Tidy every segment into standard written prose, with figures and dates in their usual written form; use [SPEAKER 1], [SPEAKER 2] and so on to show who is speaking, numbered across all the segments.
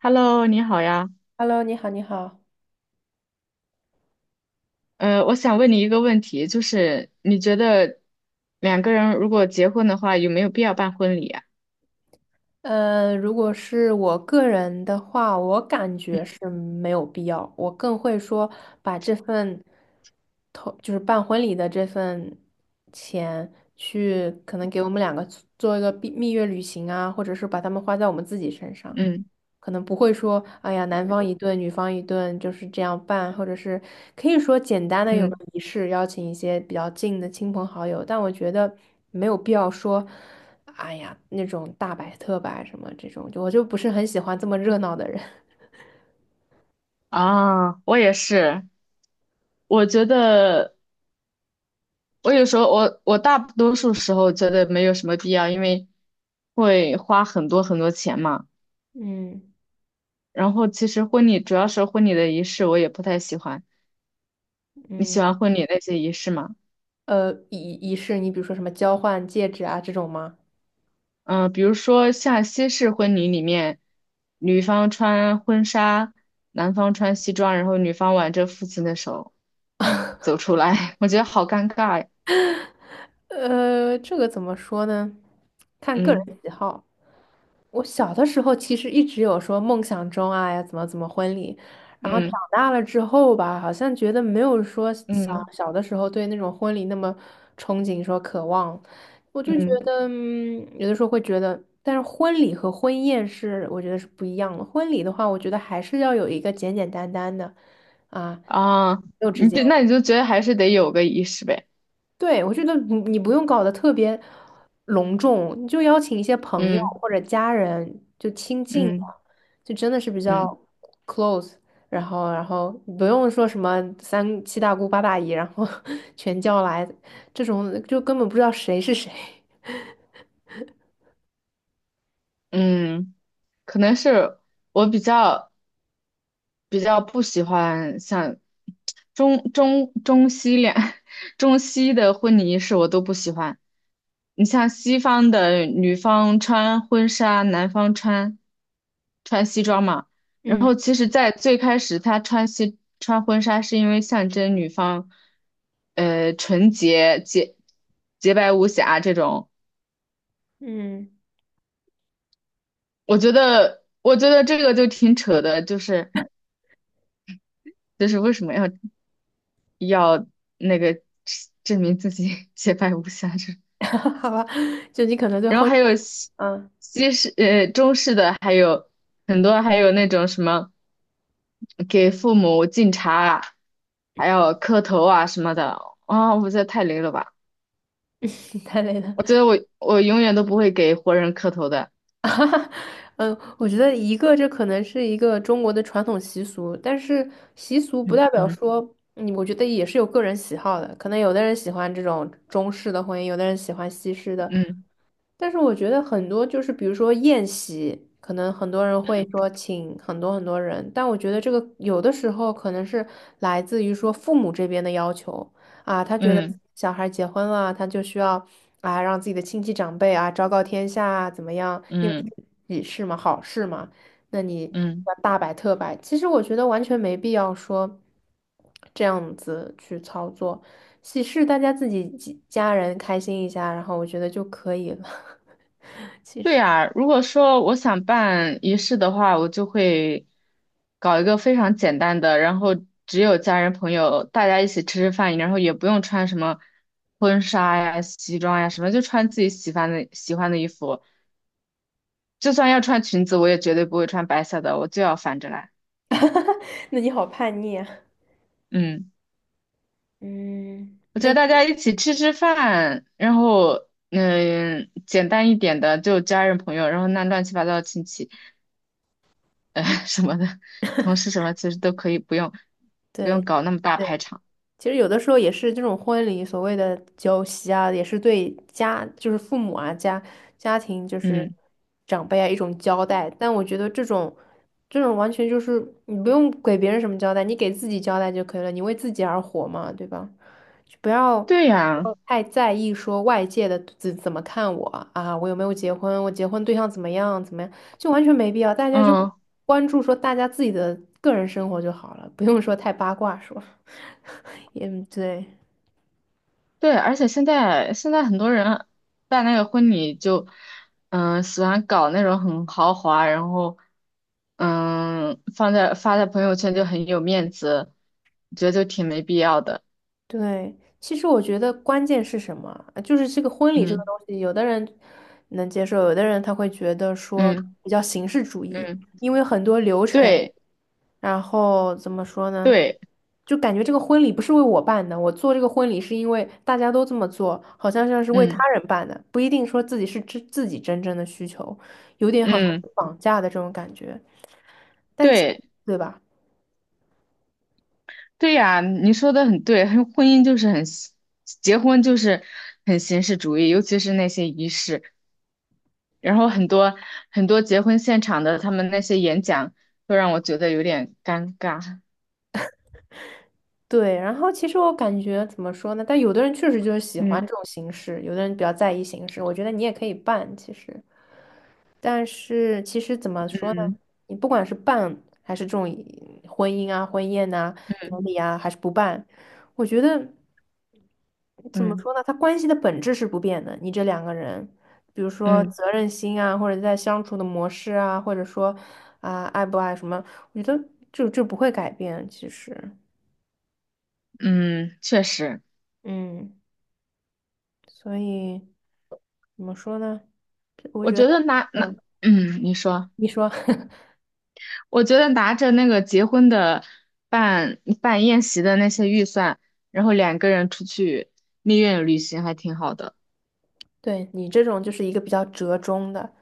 [SPEAKER 1] Hello，你好呀。
[SPEAKER 2] Hello，你好，你好。
[SPEAKER 1] 我想问你一个问题，就是你觉得两个人如果结婚的话，有没有必要办婚礼啊？
[SPEAKER 2] 如果是我个人的话，我感觉是没有必要。我更会说把这份头，就是办婚礼的这份钱，去可能给我们两个做一个蜜月旅行啊，或者是把它们花在我们自己身上。
[SPEAKER 1] 嗯
[SPEAKER 2] 可能不会说，哎呀，男方一顿，女方一顿，就是这样办，或者是可以说简单的有个
[SPEAKER 1] 嗯。
[SPEAKER 2] 仪式，邀请一些比较近的亲朋好友，但我觉得没有必要说，哎呀，那种大摆特摆什么这种，就我就不是很喜欢这么热闹的人。
[SPEAKER 1] 啊，我也是。我觉得我大多数时候觉得没有什么必要，因为会花很多很多钱嘛。
[SPEAKER 2] 嗯
[SPEAKER 1] 然后其实婚礼主要是婚礼的仪式，我也不太喜欢。你
[SPEAKER 2] 嗯，
[SPEAKER 1] 喜欢婚礼那些仪式吗？
[SPEAKER 2] 仪式，你比如说什么交换戒指啊这种吗？
[SPEAKER 1] 嗯。比如说像西式婚礼里面，女方穿婚纱，男方穿西装，然后女方挽着父亲的手走出来，我觉得好尴尬呀。
[SPEAKER 2] 这个怎么说呢？看个
[SPEAKER 1] 嗯
[SPEAKER 2] 人喜好。我小的时候其实一直有说梦想中啊呀怎么怎么婚礼，然后长
[SPEAKER 1] 嗯
[SPEAKER 2] 大了之后吧，好像觉得没有说小
[SPEAKER 1] 嗯
[SPEAKER 2] 小的时候对那种婚礼那么憧憬说渴望，我就觉
[SPEAKER 1] 嗯。
[SPEAKER 2] 得嗯有的时候会觉得，但是婚礼和婚宴是我觉得是不一样的。婚礼的话，我觉得还是要有一个简简单单的啊，
[SPEAKER 1] 啊，
[SPEAKER 2] 肉质
[SPEAKER 1] 你
[SPEAKER 2] 简。
[SPEAKER 1] 这那你就觉得还是得有个仪式呗。
[SPEAKER 2] 对，我觉得你不用搞得特别隆重，你就邀请一些朋友
[SPEAKER 1] 嗯
[SPEAKER 2] 或者家人，就亲近的，
[SPEAKER 1] 嗯
[SPEAKER 2] 就真的是比较
[SPEAKER 1] 嗯
[SPEAKER 2] close。然后不用说什么三七大姑八大姨，然后 全叫来，这种就根本不知道谁是谁。
[SPEAKER 1] 嗯，可能是我比较。比较不喜欢像中中中西两 中西的婚礼仪式我都不喜欢。你像西方的女方穿婚纱，男方穿西装嘛。然
[SPEAKER 2] 嗯
[SPEAKER 1] 后其实，在最开始他穿婚纱是因为象征女方，纯洁洁洁白无瑕这种。
[SPEAKER 2] 嗯，
[SPEAKER 1] 我觉得这个就挺扯的，就是为什么要？要那个证明自己 洁白无瑕这种。
[SPEAKER 2] 好吧，就你可能对
[SPEAKER 1] 然后
[SPEAKER 2] 婚
[SPEAKER 1] 还有
[SPEAKER 2] 纱，
[SPEAKER 1] 西
[SPEAKER 2] 嗯，
[SPEAKER 1] 西式呃中式的，还有很多，还有那种什么给父母敬茶啊，还有磕头啊什么的啊，我觉得太雷了吧！
[SPEAKER 2] 太累了。
[SPEAKER 1] 我觉得我永远都不会给活人磕头的。
[SPEAKER 2] 嗯，我觉得一个这可能是一个中国的传统习俗，但是习俗不
[SPEAKER 1] 嗯
[SPEAKER 2] 代表
[SPEAKER 1] 嗯
[SPEAKER 2] 说，嗯，我觉得也是有个人喜好的。可能有的人喜欢这种中式的婚姻，有的人喜欢西式的，
[SPEAKER 1] 嗯
[SPEAKER 2] 但是我觉得很多就是，比如说宴席，可能很多人会说请很多很多人，但我觉得这个有的时候可能是来自于说父母这边的要求啊，他觉得
[SPEAKER 1] 嗯
[SPEAKER 2] 小孩结婚了，他就需要啊让自己的亲戚长辈啊昭告天下啊怎么样，因为
[SPEAKER 1] 嗯
[SPEAKER 2] 喜事嘛，好事嘛，那你
[SPEAKER 1] 嗯。
[SPEAKER 2] 要大摆特摆，其实我觉得完全没必要说这样子去操作。喜事大家自己几家人开心一下，然后我觉得就可以了。
[SPEAKER 1] 对呀，如果说我想办仪式的话，我就会搞一个非常简单的，然后只有家人朋友大家一起吃吃饭，然后也不用穿什么婚纱呀、西装呀什么，就穿自己喜欢的衣服。就算要穿裙子，我也绝对不会穿白色的，我就要反着来。
[SPEAKER 2] 那你好叛逆啊！
[SPEAKER 1] 嗯，
[SPEAKER 2] 嗯，
[SPEAKER 1] 我
[SPEAKER 2] 那
[SPEAKER 1] 觉得大
[SPEAKER 2] 你
[SPEAKER 1] 家一起吃吃饭，然后简单一点的就家人朋友，然后那乱七八糟的亲戚。什么的，同事什么其实都可以不用
[SPEAKER 2] 对。
[SPEAKER 1] 搞那么大
[SPEAKER 2] 对
[SPEAKER 1] 排场。
[SPEAKER 2] 其实有的时候也是这种婚礼所谓的酒席啊，也是对家就是父母啊家庭就是
[SPEAKER 1] 嗯，
[SPEAKER 2] 长辈啊一种交代。但我觉得这种完全就是你不用给别人什么交代，你给自己交代就可以了，你为自己而活嘛，对吧？就不要
[SPEAKER 1] 对呀，
[SPEAKER 2] 太在意说外界的怎么看我啊，我有没有结婚，我结婚对象怎么样怎么样，就完全没必要。大家就
[SPEAKER 1] 嗯，
[SPEAKER 2] 关注说大家自己的个人生活就好了，不用说太八卦说。嗯，对
[SPEAKER 1] 对，而且现在很多人办那个婚礼就，喜欢搞那种很豪华，然后，发在朋友圈就很有面子，我觉得就挺没必要的。
[SPEAKER 2] 对，其实我觉得关键是什么？就是这个婚礼这个
[SPEAKER 1] 嗯
[SPEAKER 2] 东西，有的人能接受，有的人他会觉得说
[SPEAKER 1] 嗯
[SPEAKER 2] 比较形式主义，
[SPEAKER 1] 嗯，
[SPEAKER 2] 因为很多流程，
[SPEAKER 1] 对
[SPEAKER 2] 然后怎么说呢？
[SPEAKER 1] 对，
[SPEAKER 2] 就感觉这个婚礼不是为我办的，我做这个婚礼是因为大家都这么做，好像像是为他
[SPEAKER 1] 嗯
[SPEAKER 2] 人办的，不一定说自己是自己真正的需求，有点好像
[SPEAKER 1] 嗯
[SPEAKER 2] 绑架的这种感觉，但其
[SPEAKER 1] 对。
[SPEAKER 2] 对吧？
[SPEAKER 1] 对呀，你说的很对，很婚姻就是很形，结婚就是很形式主义，尤其是那些仪式。然后很多很多结婚现场的他们那些演讲，都让我觉得有点尴尬。
[SPEAKER 2] 对，然后其实我感觉怎么说呢？但有的人确实就是喜欢这
[SPEAKER 1] 嗯
[SPEAKER 2] 种形式，有的人比较在意形式。我觉得你也可以办，其实，但是其实怎么说呢？
[SPEAKER 1] 嗯，
[SPEAKER 2] 你不管是办还是这种婚姻啊、婚宴呐、
[SPEAKER 1] 嗯
[SPEAKER 2] 典礼啊，还是不办，我觉得怎么
[SPEAKER 1] 嗯
[SPEAKER 2] 说呢？他关系的本质是不变的。你这两个人，比如说
[SPEAKER 1] 嗯
[SPEAKER 2] 责任心啊，或者在相处的模式啊，或者说啊、爱不爱什么，我觉得就不会改变。其实，
[SPEAKER 1] 嗯，确实，
[SPEAKER 2] 嗯。所以怎么说呢？这我
[SPEAKER 1] 我
[SPEAKER 2] 觉
[SPEAKER 1] 觉
[SPEAKER 2] 得，
[SPEAKER 1] 得
[SPEAKER 2] 嗯，
[SPEAKER 1] 嗯，你说，
[SPEAKER 2] 你说，
[SPEAKER 1] 我觉得拿着那个结婚的办宴席的那些预算，然后两个人出去蜜月旅行还挺好的。
[SPEAKER 2] 对你这种就是一个比较折中的。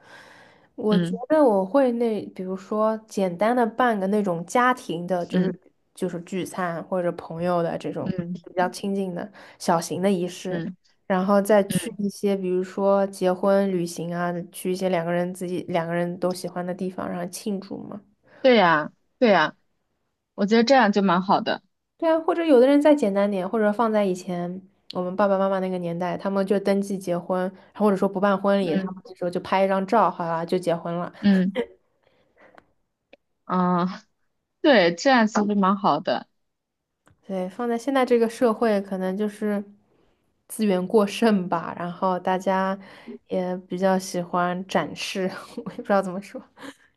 [SPEAKER 2] 我觉
[SPEAKER 1] 嗯
[SPEAKER 2] 得我会那，比如说简单的办个那种家庭的，就是
[SPEAKER 1] 嗯。
[SPEAKER 2] 就是聚餐或者朋友的这种
[SPEAKER 1] 嗯
[SPEAKER 2] 比较亲近的小型的仪式，
[SPEAKER 1] 嗯
[SPEAKER 2] 然后再去
[SPEAKER 1] 嗯，
[SPEAKER 2] 一些比如说结婚旅行啊，去一些两个人自己两个人都喜欢的地方，然后庆祝嘛。
[SPEAKER 1] 对呀，对呀，我觉得这样就蛮好的。
[SPEAKER 2] 对啊，或者有的人再简单点，或者放在以前我们爸爸妈妈那个年代，他们就登记结婚，或者说不办婚礼，他们
[SPEAKER 1] 嗯
[SPEAKER 2] 那时候就拍一张照，好啦，就结婚了。
[SPEAKER 1] 嗯啊，对，这样其实蛮好的。
[SPEAKER 2] 对，放在现在这个社会，可能就是资源过剩吧，然后大家也比较喜欢展示，我也不知道怎么说，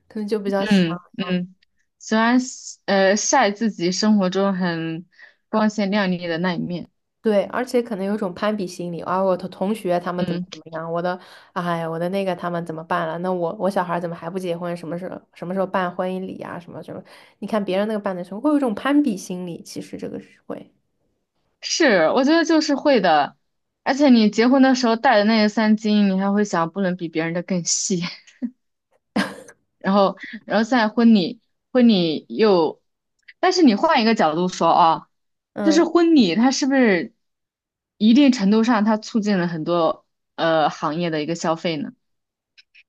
[SPEAKER 2] 可能就比较喜
[SPEAKER 1] 嗯
[SPEAKER 2] 欢。
[SPEAKER 1] 嗯，喜欢晒自己生活中很光鲜亮丽的那一面。
[SPEAKER 2] 对，而且可能有一种攀比心理啊，我的同学他们怎么
[SPEAKER 1] 嗯，
[SPEAKER 2] 怎么样，我的，哎我的那个他们怎么办了？那我小孩儿怎么还不结婚？什么时候什么时候办婚姻礼啊？什么什么？你看别人那个办的时候，会有一种攀比心理，其实这个是会，
[SPEAKER 1] 是，我觉得就是会的。而且你结婚的时候戴的那个三金，你还会想不能比别人的更细。然后，然后在婚礼，婚礼又，但是你换一个角度说啊，就是
[SPEAKER 2] 嗯，
[SPEAKER 1] 婚礼它是不是一定程度上它促进了很多行业的一个消费呢？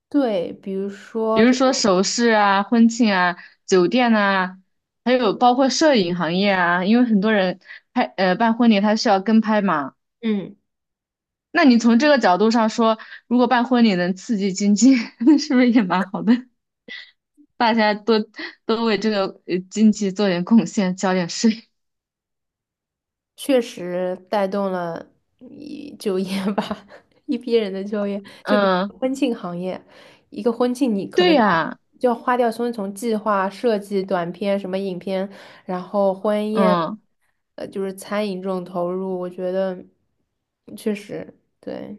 [SPEAKER 2] 对，比如
[SPEAKER 1] 比
[SPEAKER 2] 说
[SPEAKER 1] 如
[SPEAKER 2] 这
[SPEAKER 1] 说
[SPEAKER 2] 个，
[SPEAKER 1] 首饰啊、婚庆啊、酒店啊，还有包括摄影行业啊，因为很多人办婚礼他需要跟拍嘛。
[SPEAKER 2] 嗯。
[SPEAKER 1] 那你从这个角度上说，如果办婚礼能刺激经济，是不是也蛮好的？大家多多为这个经济做点贡献，交点税。
[SPEAKER 2] 确实带动了一就业吧，一批人的就业。就比
[SPEAKER 1] 嗯，
[SPEAKER 2] 如婚庆行业，一个婚庆你可
[SPEAKER 1] 对
[SPEAKER 2] 能就要
[SPEAKER 1] 呀，
[SPEAKER 2] 花掉从计划设计、短片、什么影片，然后婚宴，
[SPEAKER 1] 嗯
[SPEAKER 2] 就是餐饮这种投入，我觉得确实对。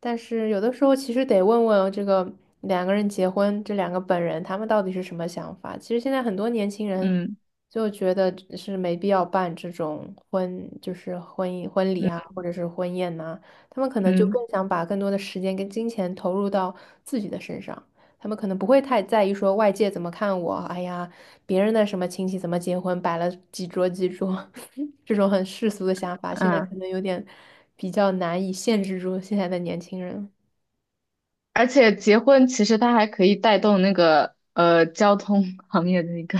[SPEAKER 2] 但是有的时候其实得问问这个两个人结婚，这两个本人他们到底是什么想法。其实现在很多年轻人
[SPEAKER 1] 嗯
[SPEAKER 2] 就觉得是没必要办这种婚，就是婚姻婚礼啊，
[SPEAKER 1] 嗯
[SPEAKER 2] 或者是婚宴呐、他们可能就更
[SPEAKER 1] 嗯
[SPEAKER 2] 想把更多的时间跟金钱投入到自己的身上。他们可能不会太在意说外界怎么看我，哎呀，别人的什么亲戚怎么结婚，摆了几桌几桌，这种很世俗的想法，现在可
[SPEAKER 1] 嗯，
[SPEAKER 2] 能有点比较难以限制住现在的年轻人。
[SPEAKER 1] 而且结婚其实它还可以带动交通 行业的一个，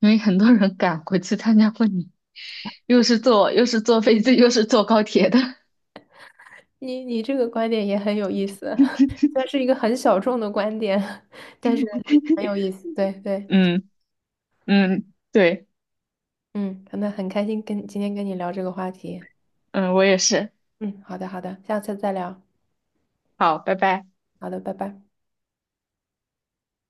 [SPEAKER 1] 因为很多人赶回去参加婚礼，又是坐飞机又是坐高铁的。
[SPEAKER 2] 你这个观点也很有意思，算是一个很小众的观点，但是很 有意思。对对，
[SPEAKER 1] 嗯嗯，对，
[SPEAKER 2] 嗯，那很开心跟今天跟你聊这个话题。
[SPEAKER 1] 嗯，我也是。
[SPEAKER 2] 嗯，好的好的，下次再聊。
[SPEAKER 1] 好，拜拜。
[SPEAKER 2] 好的，拜拜。